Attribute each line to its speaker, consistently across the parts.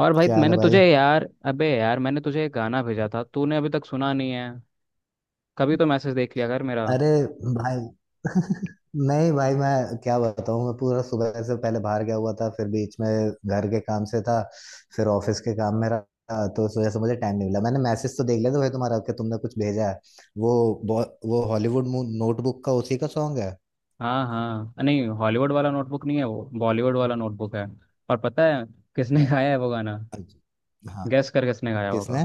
Speaker 1: और भाई,
Speaker 2: क्या हाल है,
Speaker 1: मैंने
Speaker 2: भाई।
Speaker 1: तुझे यार अबे यार, मैंने तुझे एक गाना भेजा था। तूने अभी तक सुना नहीं है। कभी तो मैसेज देख लिया कर मेरा।
Speaker 2: अरे भाई। नहीं भाई, मैं क्या बताऊँ, मैं पूरा सुबह से पहले बाहर गया हुआ था, फिर बीच में घर के काम से था, फिर ऑफिस के काम में रहा, तो इस वजह से मुझे टाइम नहीं मिला। मैंने मैसेज तो देख लिया था भाई तुम्हारा कि तुमने कुछ भेजा है। वो वो हॉलीवुड नोटबुक का उसी का सॉन्ग है।
Speaker 1: हाँ हाँ, नहीं, हॉलीवुड वाला नोटबुक नहीं है, वो बॉलीवुड वाला नोटबुक है। और पता है किसने गाया है वो गाना?
Speaker 2: अच्छा। हाँ।
Speaker 1: गैस कर किसने गाया
Speaker 2: किसने?
Speaker 1: होगा?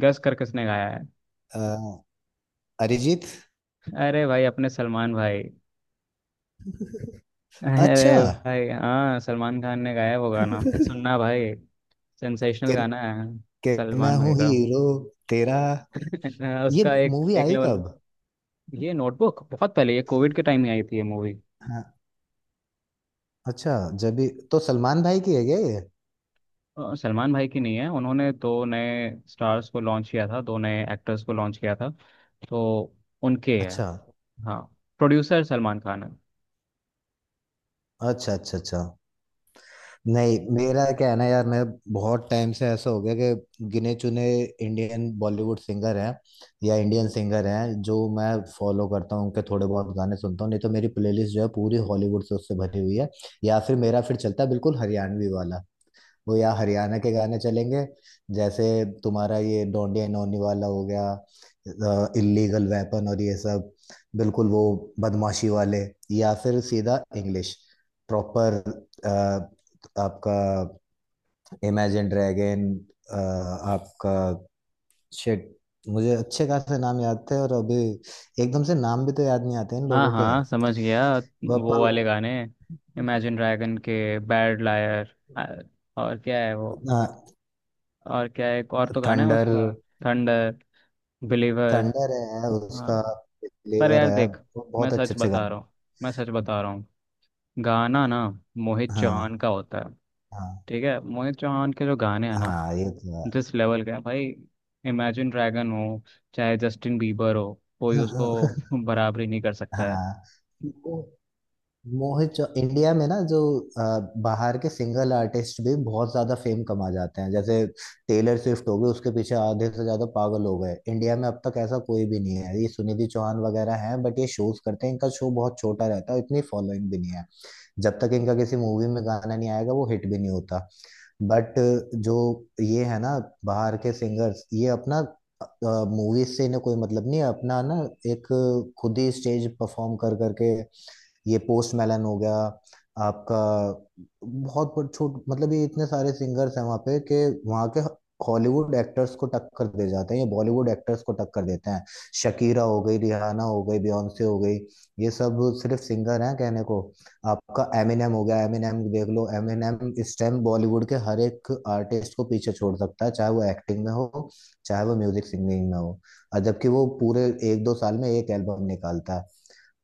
Speaker 1: गैस कर किसने गाया है?
Speaker 2: अ, अरिजीत।
Speaker 1: अरे भाई, अपने सलमान भाई।
Speaker 2: अच्छा।
Speaker 1: अरे भाई, हाँ, सलमान खान ने गाया है वो गाना,
Speaker 2: कि,
Speaker 1: सुनना भाई। सेंसेशनल गाना है
Speaker 2: कि मैं
Speaker 1: सलमान भाई
Speaker 2: हूँ
Speaker 1: का।
Speaker 2: हीरो तेरा। ये
Speaker 1: उसका एक
Speaker 2: मूवी
Speaker 1: एक
Speaker 2: आई
Speaker 1: लेवल।
Speaker 2: कब?
Speaker 1: ये नोटबुक बहुत पहले, ये कोविड के टाइम में आई थी ये मूवी।
Speaker 2: अच्छा, जबी तो सलमान भाई की है क्या ये?
Speaker 1: सलमान भाई की नहीं है। उन्होंने दो नए स्टार्स को लॉन्च किया था, दो नए एक्टर्स को लॉन्च किया था, तो उनके है।
Speaker 2: अच्छा
Speaker 1: हाँ। प्रोड्यूसर सलमान खान है।
Speaker 2: अच्छा, अच्छा, अच्छा। नहीं, मेरा क्या है ना यार, मैं बहुत टाइम से ऐसा हो गया कि गिने चुने इंडियन बॉलीवुड सिंगर हैं या इंडियन सिंगर हैं जो मैं फॉलो करता हूँ, उनके थोड़े बहुत गाने सुनता हूँ। नहीं तो मेरी प्लेलिस्ट जो है पूरी हॉलीवुड से, उससे भरी हुई है। या फिर मेरा फिर चलता है बिल्कुल हरियाणवी वाला, वो या हरियाणा के गाने चलेंगे, जैसे तुम्हारा ये डोंडिया नोनी वाला हो गया, इलीगल वेपन और ये सब, बिल्कुल वो बदमाशी वाले। या फिर सीधा इंग्लिश, प्रॉपर, आपका इमेजिन ड्रैगन, आपका शिट। मुझे अच्छे खासे नाम याद थे और अभी एकदम से नाम भी तो याद नहीं आते इन
Speaker 1: हाँ
Speaker 2: लोगों के।
Speaker 1: हाँ, समझ गया।
Speaker 2: वह
Speaker 1: वो
Speaker 2: पर
Speaker 1: वाले गाने, इमेजिन ड्रैगन के बैड लायर। और क्या है वो? और क्या है, एक और तो गाना है
Speaker 2: थंडर।
Speaker 1: उसका। थंडर। बिलीवर।
Speaker 2: थंडर है
Speaker 1: हाँ।
Speaker 2: उसका।
Speaker 1: पर
Speaker 2: फ्लेवर
Speaker 1: यार
Speaker 2: है।
Speaker 1: देख,
Speaker 2: वो
Speaker 1: मैं
Speaker 2: बहुत
Speaker 1: सच
Speaker 2: अच्छे अच्छे
Speaker 1: बता
Speaker 2: गाने।
Speaker 1: रहा हूँ, मैं सच बता रहा हूँ। गाना ना मोहित
Speaker 2: हाँ,
Speaker 1: चौहान का होता है।
Speaker 2: हाँ।
Speaker 1: ठीक है। मोहित चौहान के जो गाने हैं ना,
Speaker 2: हाँ, ये तो है।
Speaker 1: जिस लेवल का है भाई, इमेजिन ड्रैगन हो, चाहे जस्टिन बीबर हो, कोई उसको बराबरी नहीं कर सकता है।
Speaker 2: हाँ। वो मोहित चौ इंडिया में ना, जो, अ, बाहर के सिंगल आर्टिस्ट भी बहुत ज्यादा फेम कमा जाते हैं, जैसे टेलर स्विफ्ट हो गई, उसके पीछे आधे से ज्यादा पागल हो गए। इंडिया में अब तक ऐसा कोई भी नहीं है। ये सुनिधि चौहान वगैरह हैं बट ये शोज करते हैं, इनका शो बहुत छोटा रहता है, इतनी फॉलोइंग भी नहीं है। जब तक इनका किसी मूवी में गाना नहीं आएगा, वो हिट भी नहीं होता। बट जो ये है ना, बाहर के सिंगर्स, ये अपना मूवीज से इन्हें कोई मतलब नहीं है, अपना ना एक खुद ही स्टेज परफॉर्म कर करके, ये पोस्ट मेलन हो गया, आपका, बहुत बहुत छोट मतलब ये इतने सारे सिंगर्स हैं वहाँ पे कि वहाँ के हॉलीवुड एक्टर्स को टक्कर दे जाते हैं, ये बॉलीवुड एक्टर्स को टक्कर देते हैं। शकीरा हो गई, रिहाना हो गई, बियॉन्से हो गई, ये सब सिर्फ सिंगर हैं कहने को। आपका एमिनेम हो गया, एमिनेम देख लो, एमिनेम इस टाइम बॉलीवुड के हर एक आर्टिस्ट को पीछे छोड़ सकता है, चाहे वो एक्टिंग में हो, चाहे वो म्यूजिक सिंगिंग में हो। और जबकि वो पूरे एक दो साल में एक एल्बम निकालता है।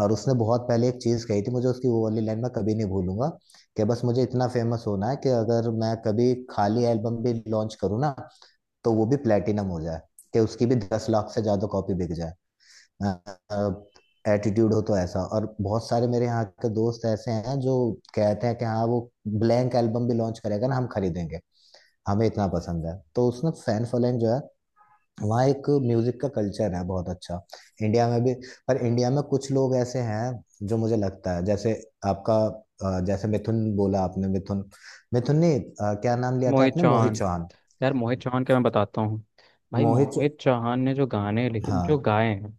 Speaker 2: और उसने बहुत पहले एक चीज कही थी, मुझे उसकी वो वाली लाइन मैं कभी नहीं भूलूंगा, कि बस मुझे इतना फेमस होना है कि अगर मैं कभी खाली एल्बम भी लॉन्च करूँ ना, तो वो भी प्लेटिनम हो जाए, कि उसकी भी 10 लाख से ज्यादा कॉपी बिक जाए। एटीट्यूड हो तो ऐसा। और बहुत सारे मेरे यहाँ के दोस्त ऐसे हैं जो कहते हैं कि हाँ, वो ब्लैंक एल्बम भी लॉन्च करेगा ना हम खरीदेंगे, हमें इतना पसंद है। तो उसने फैन फॉलोइंग जो है, वहाँ एक म्यूजिक का कल्चर है बहुत अच्छा। इंडिया में भी पर इंडिया में कुछ लोग ऐसे हैं जो मुझे लगता है, जैसे आपका, जैसे मिथुन बोला आपने, मिथुन, मिथुन ने, क्या नाम लिया था
Speaker 1: मोहित
Speaker 2: आपने? मोहित
Speaker 1: चौहान।
Speaker 2: चौहान।
Speaker 1: यार मोहित चौहान के मैं बताता हूँ भाई,
Speaker 2: मोहित चौ-
Speaker 1: मोहित चौहान ने जो गाने लिखे, जो
Speaker 2: हाँ।
Speaker 1: गाए हैं,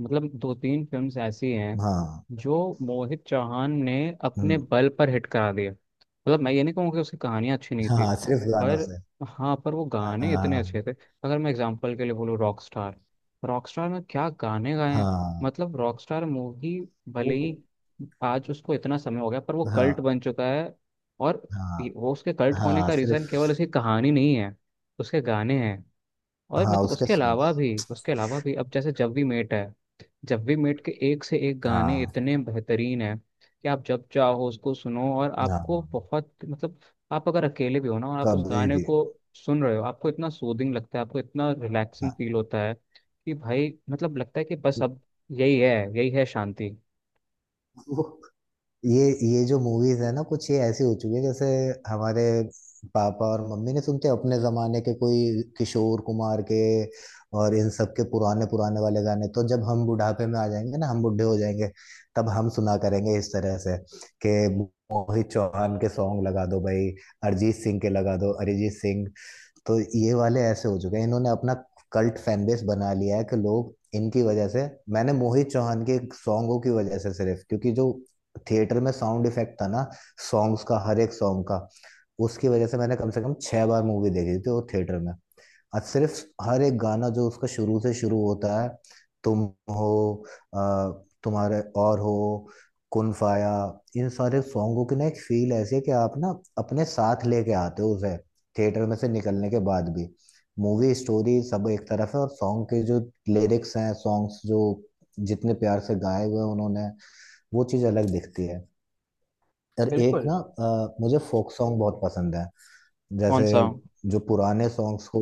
Speaker 1: मतलब दो तीन फिल्म्स ऐसी हैं
Speaker 2: हाँ।
Speaker 1: जो मोहित चौहान ने अपने
Speaker 2: हम्म,
Speaker 1: बल पर हिट करा दिए। मतलब मैं ये नहीं कहूँगा कि उसकी कहानियाँ अच्छी नहीं थी,
Speaker 2: हाँ, सिर्फ गानों
Speaker 1: पर
Speaker 2: से।
Speaker 1: हाँ, पर वो गाने इतने अच्छे
Speaker 2: हाँ।
Speaker 1: थे। अगर मैं एग्जांपल के लिए बोलूँ रॉक स्टार, रॉक स्टार में क्या गाने गाए हैं,
Speaker 2: हाँ।
Speaker 1: मतलब रॉक स्टार मूवी भले
Speaker 2: वो।
Speaker 1: ही आज उसको इतना समय हो गया, पर वो कल्ट
Speaker 2: हाँ,
Speaker 1: बन चुका है। और
Speaker 2: हाँ,
Speaker 1: वो उसके कल्ट होने
Speaker 2: हाँ
Speaker 1: का रीज़न
Speaker 2: सिर्फ।
Speaker 1: केवल उसकी कहानी नहीं है, उसके गाने हैं। और
Speaker 2: हाँ
Speaker 1: मतलब
Speaker 2: उसके
Speaker 1: उसके अलावा
Speaker 2: सॉन्ग्स।
Speaker 1: भी, उसके अलावा भी, अब जैसे जब वी मेट है। जब वी मेट के एक से एक गाने
Speaker 2: हाँ,
Speaker 1: इतने बेहतरीन हैं कि आप जब चाहो उसको सुनो और आपको
Speaker 2: हाँ,
Speaker 1: बहुत, मतलब आप अगर अकेले भी हो ना, और आप उस
Speaker 2: कभी
Speaker 1: गाने
Speaker 2: भी।
Speaker 1: को सुन रहे हो, आपको इतना सूदिंग लगता है, आपको इतना
Speaker 2: हाँ।
Speaker 1: रिलैक्सिंग फील होता है कि भाई मतलब लगता है कि बस अब यही है, यही है शांति।
Speaker 2: ये जो मूवीज है ना, कुछ ये ऐसी हो चुकी है जैसे हमारे पापा और मम्मी ने सुनते हैं अपने जमाने के, कोई किशोर कुमार के और इन सब के पुराने पुराने वाले गाने। तो जब हम बुढ़ापे में आ जाएंगे ना, हम बुढ़े हो जाएंगे, तब हम सुना करेंगे इस तरह से कि मोहित चौहान के सॉन्ग लगा दो भाई, अरिजीत सिंह के लगा दो अरिजीत सिंह। तो ये वाले ऐसे हो चुके हैं, इन्होंने अपना कल्ट फैन बेस बना लिया है कि लोग इनकी वजह से, मैंने मोहित चौहान के सॉन्गों की वजह से सिर्फ, क्योंकि जो थिएटर में साउंड इफेक्ट था ना सॉन्ग्स का, हर एक सॉन्ग का, उसकी वजह से मैंने कम से कम 6 बार मूवी देखी थी वो थिएटर में। आज सिर्फ हर एक गाना जो उसका, शुरू से शुरू होता है, तुम हो, आ, तुम्हारे और हो, कुन फाया, इन सारे सॉन्गों की ना एक फील ऐसी है कि आप ना अपने साथ लेके आते हो उसे थिएटर में से निकलने के बाद भी। मूवी स्टोरी सब एक तरफ है, और सॉन्ग के जो लिरिक्स हैं, सॉन्ग्स जो जितने प्यार से गाए हुए हैं उन्होंने, वो चीज़ अलग दिखती है। और एक
Speaker 1: बिल्कुल।
Speaker 2: ना, मुझे फोक सॉन्ग बहुत पसंद है।
Speaker 1: कौन
Speaker 2: जैसे
Speaker 1: सा?
Speaker 2: जो पुराने सॉन्ग्स को,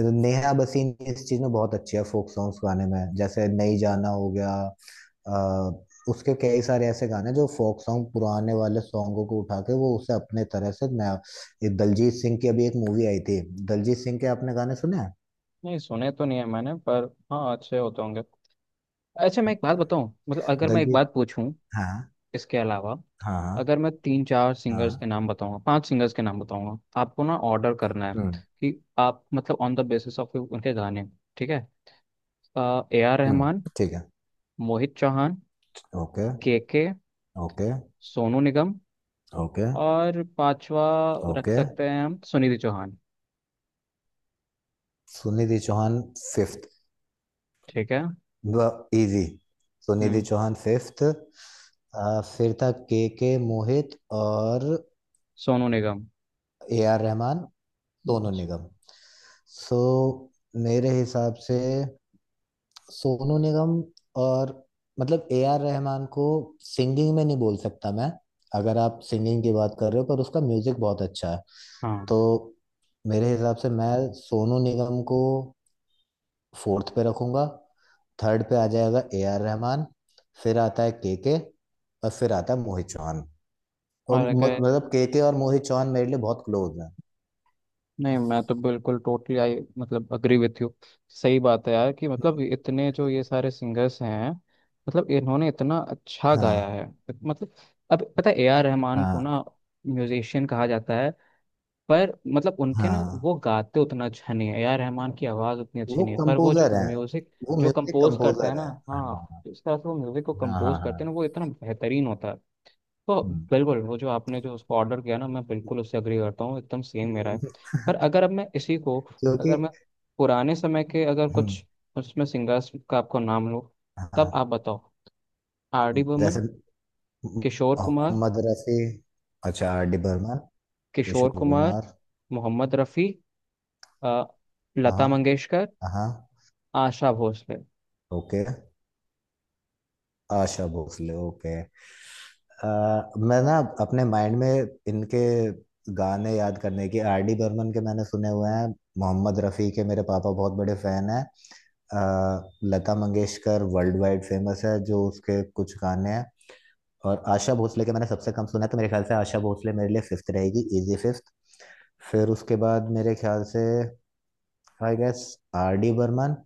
Speaker 2: नेहा बसीन इस चीज में बहुत अच्छी है, फोक सॉन्ग्स गाने में, जैसे नई जाना हो गया, आ, उसके कई सारे ऐसे गाने जो फोक सॉन्ग, पुराने वाले सॉन्गों को उठा के वो उसे अपने तरह से नया। ये दलजीत सिंह की अभी एक मूवी आई थी, दलजीत सिंह के आपने गाने सुने हैं?
Speaker 1: नहीं सुने तो नहीं है मैंने, पर हाँ अच्छे होते होंगे। अच्छा, मैं एक बात बताऊं, मतलब अगर मैं एक
Speaker 2: दलजीत।
Speaker 1: बात पूछूं।
Speaker 2: हाँ।
Speaker 1: इसके अलावा,
Speaker 2: हाँ,
Speaker 1: अगर मैं
Speaker 2: हाँ।
Speaker 1: तीन चार सिंगर्स के
Speaker 2: हाँ।
Speaker 1: नाम बताऊंगा, पांच सिंगर्स के नाम बताऊंगा, आपको ना ऑर्डर करना है
Speaker 2: हम्म।
Speaker 1: कि आप, मतलब ऑन द बेसिस ऑफ उनके गाने। ठीक है। ए आर
Speaker 2: हम्म,
Speaker 1: रहमान।
Speaker 2: ठीक है।
Speaker 1: Mohit Chauhan.
Speaker 2: Okay.
Speaker 1: K K.
Speaker 2: Okay.
Speaker 1: Sonu Nigam.
Speaker 2: Okay.
Speaker 1: और पांचवा, रख
Speaker 2: ओके।
Speaker 1: सकते हैं हम सुनिधि चौहान।
Speaker 2: सुनिधि चौहान फिफ्थ।
Speaker 1: ठीक है।
Speaker 2: ब इजी। तो निधि
Speaker 1: हम्म।
Speaker 2: चौहान फिफ्थ। फिर था के मोहित, और
Speaker 1: Sonu Nigam.
Speaker 2: A R Rahman, Sonu Nigam. So, so, मेरे हिसाब से सोनू निगम, और मतलब ए आर रहमान को सिंगिंग में नहीं बोल सकता मैं, अगर आप सिंगिंग की बात कर रहे हो, पर उसका म्यूजिक बहुत अच्छा है।
Speaker 1: हाँ।
Speaker 2: तो मेरे हिसाब से मैं सोनू निगम को फोर्थ पे रखूंगा, थर्ड पे आ जाएगा ए आर रहमान, फिर आता है के, और फिर आता है मोहित चौहान। और
Speaker 1: और अगर,
Speaker 2: मतलब के और मोहित चौहान मेरे लिए बहुत क्लोज हैं।
Speaker 1: नहीं, मैं तो बिल्कुल टोटली, आई मतलब अग्री विथ यू। सही बात है यार कि मतलब इतने जो ये सारे सिंगर्स हैं, मतलब इन्होंने इतना अच्छा गाया
Speaker 2: हाँ।
Speaker 1: है। मतलब, अब पता है ए आर रहमान को
Speaker 2: हाँ।
Speaker 1: ना म्यूजिशियन कहा जाता है। पर मतलब उनके ना,
Speaker 2: हाँ,
Speaker 1: वो गाते उतना अच्छा नहीं है, ए आर रहमान की आवाज़ उतनी अच्छी
Speaker 2: वो
Speaker 1: नहीं है, पर वो जो
Speaker 2: कंपोजर हैं,
Speaker 1: म्यूजिक
Speaker 2: वो
Speaker 1: जो
Speaker 2: म्यूजिक
Speaker 1: कंपोज करते हैं
Speaker 2: कंपोजर
Speaker 1: ना,
Speaker 2: हैं।
Speaker 1: हाँ,
Speaker 2: हाँ।
Speaker 1: जिस तरह से वो म्यूजिक को
Speaker 2: हाँ, हाँ,
Speaker 1: कंपोज करते हैं
Speaker 2: हाँ।
Speaker 1: ना, वो इतना बेहतरीन होता है। तो
Speaker 2: हम्म।
Speaker 1: बिल्कुल वो जो आपने, जो उसको ऑर्डर किया ना, मैं बिल्कुल उससे अग्री करता हूँ, एकदम सेम मेरा है। पर अगर अब मैं इसी को,
Speaker 2: क्योंकि,
Speaker 1: अगर मैं पुराने समय के अगर
Speaker 2: हम्म,
Speaker 1: कुछ उसमें सिंगर्स का आपको नाम लो, तब
Speaker 2: हाँ,
Speaker 1: आप बताओ। आर डी
Speaker 2: जैसे
Speaker 1: बर्मन। किशोर कुमार।
Speaker 2: मोहम्मद रफी। अच्छा, आर डी बर्मन,
Speaker 1: किशोर
Speaker 2: किशोर
Speaker 1: कुमार।
Speaker 2: कुमार।
Speaker 1: मोहम्मद रफ़ी। अ,
Speaker 2: हाँ।
Speaker 1: लता मंगेशकर।
Speaker 2: हाँ।
Speaker 1: आशा भोसले।
Speaker 2: ओके, आशा भोसले। ओके, मैं ना अपने माइंड में इनके गाने याद करने की, आर डी बर्मन के मैंने सुने हुए हैं, मोहम्मद रफ़ी के मेरे पापा बहुत बड़े फैन हैं, अ, Lata Mangeshkar world wide famous है, जो उसके कुछ गाने हैं, और आशा भोसले के मैंने सबसे कम सुना है, तो मेरे ख्याल से आशा भोसले मेरे लिए फिफ्थ रहेगी, इजी फिफ्थ। फिर उसके बाद मेरे ख्याल से I guess R D Burman,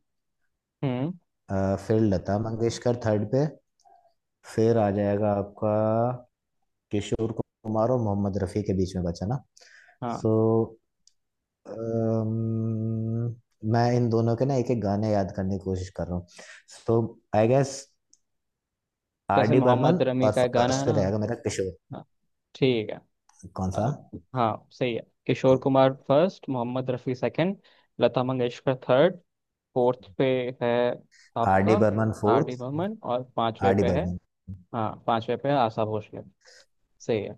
Speaker 1: हम्म।
Speaker 2: फिर लता मंगेशकर थर्ड पे, फिर आ जाएगा आपका किशोर कुमार और मोहम्मद रफ़ी के बीच में बचा ना। सो
Speaker 1: हाँ।
Speaker 2: मैं इन दोनों के ना एक एक गाने याद करने की कोशिश कर रहा हूँ। सो आई गेस आर
Speaker 1: जैसे
Speaker 2: डी बर्मन,
Speaker 1: मोहम्मद रफ़ी
Speaker 2: और
Speaker 1: का एक गाना है
Speaker 2: फर्स्ट पे
Speaker 1: ना।
Speaker 2: रहेगा मेरा किशोर।
Speaker 1: हाँ। ठीक है।
Speaker 2: कौन
Speaker 1: अ,
Speaker 2: सा?
Speaker 1: हाँ सही है। Kishore Kumar first, Mohammad Rafi second, Lata Mangeshkar third, fourth पे है
Speaker 2: आर डी
Speaker 1: आपका
Speaker 2: Burman
Speaker 1: R
Speaker 2: fourth.
Speaker 1: D Burman, और पांचवे
Speaker 2: आर डी
Speaker 1: पे है,
Speaker 2: बर्मन।
Speaker 1: हाँ पांचवे पे है आशा भोसले। सही है।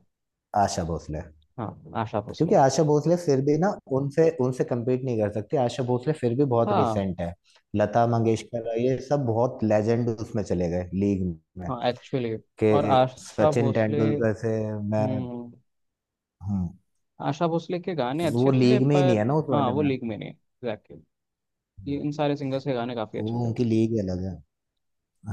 Speaker 2: आशा भोसले।
Speaker 1: हाँ। आशा भोसले।
Speaker 2: क्योंकि आशा भोसले फिर भी ना, उनसे, उनसे कम्पीट नहीं कर सकती, आशा भोसले फिर भी बहुत
Speaker 1: हाँ।
Speaker 2: रिसेंट है, लता मंगेशकर, ये सब बहुत लेजेंड उसमें चले गए, लीग में,
Speaker 1: हाँ एक्चुअली।
Speaker 2: कि
Speaker 1: और आशा
Speaker 2: सचिन
Speaker 1: भोसले,
Speaker 2: तेंदुलकर से मैं
Speaker 1: हम्म,
Speaker 2: हूँ।
Speaker 1: आशा भोसले के गाने
Speaker 2: वो
Speaker 1: अच्छे थे,
Speaker 2: लीग में ही नहीं
Speaker 1: पर
Speaker 2: है ना उस
Speaker 1: हाँ
Speaker 2: वाले
Speaker 1: वो
Speaker 2: में,
Speaker 1: लीग में नहीं, एग्जैक्टली। ये इन सारे सिंगर्स के गाने काफी अच्छे
Speaker 2: वो
Speaker 1: थे।
Speaker 2: उनकी लीग ही अलग है।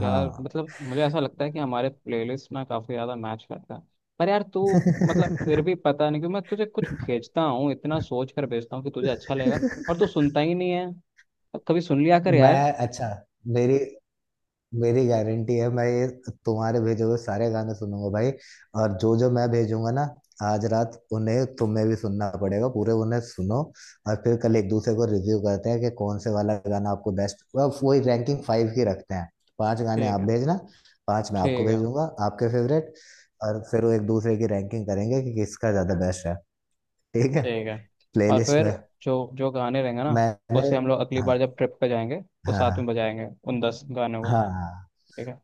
Speaker 1: यार
Speaker 2: हाँ।
Speaker 1: मतलब मुझे ऐसा लगता है कि हमारे प्लेलिस्ट ना काफी ज्यादा मैच करता है। पर यार, तू, मतलब फिर भी पता नहीं क्यों मैं तुझे कुछ भेजता हूँ, इतना सोच कर भेजता हूँ कि तुझे अच्छा लगेगा, और तू सुनता ही नहीं है। अब कभी सुन लिया कर यार।
Speaker 2: मैं, अच्छा, मेरी, मेरी गारंटी है, मैं ये तुम्हारे भेजे हुए सारे गाने सुनूंगा भाई, और जो जो मैं भेजूंगा ना, आज रात उन्हें तुम्हें भी सुनना पड़ेगा पूरे, उन्हें सुनो, और फिर कल एक दूसरे को रिव्यू करते हैं कि कौन से वाला गाना आपको बेस्ट, वही रैंकिंग 5 की रखते हैं। 5 गाने
Speaker 1: ठीक
Speaker 2: आप
Speaker 1: है।
Speaker 2: भेजना, 5 मैं आपको
Speaker 1: ठीक है।
Speaker 2: भेजूंगा आपके फेवरेट, और फिर वो एक दूसरे की रैंकिंग करेंगे कि किसका ज्यादा
Speaker 1: हाँ,
Speaker 2: बेस्ट है। ठीक है।
Speaker 1: ठीक है। और
Speaker 2: प्लेलिस्ट
Speaker 1: फिर,
Speaker 2: में
Speaker 1: जो जो गाने रहेंगे ना,
Speaker 2: मैंने,
Speaker 1: उसे हम लोग अगली
Speaker 2: हाँ,
Speaker 1: बार जब ट्रिप पे जाएंगे तो
Speaker 2: हाँ,
Speaker 1: साथ
Speaker 2: हाँ,
Speaker 1: में बजाएंगे उन 10 गानों को।
Speaker 2: हाँ, हाँ।
Speaker 1: ठीक है।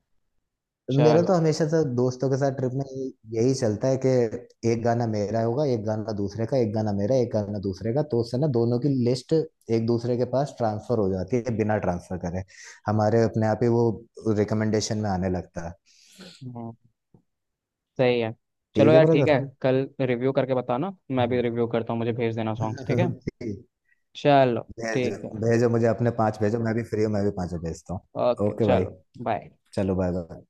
Speaker 2: मेरा तो
Speaker 1: चलो।
Speaker 2: हमेशा से दोस्तों के साथ ट्रिप में यही चलता है कि एक गाना मेरा होगा, एक गाना दूसरे का, एक गाना मेरा, एक गाना दूसरे का, तो उससे ना दोनों की लिस्ट एक दूसरे के पास ट्रांसफर हो जाती है, बिना ट्रांसफर करे हमारे अपने आप ही वो रिकमेंडेशन में आने लगता है।
Speaker 1: हम्म, सही है। चलो
Speaker 2: ठीक है
Speaker 1: यार ठीक है,
Speaker 2: ब्रदर।
Speaker 1: कल रिव्यू करके बताना, मैं भी रिव्यू करता हूँ, मुझे भेज देना सॉन्ग्स। ठीक है। चलो।
Speaker 2: भेजो,
Speaker 1: ठीक है।
Speaker 2: भेजो मुझे अपने 5 भेजो, मैं भी फ्री हूँ, मैं भी पांचों भेजता हूँ,
Speaker 1: ओके
Speaker 2: ओके भाई।
Speaker 1: चलो। बाय।
Speaker 2: चलो बाय बाय।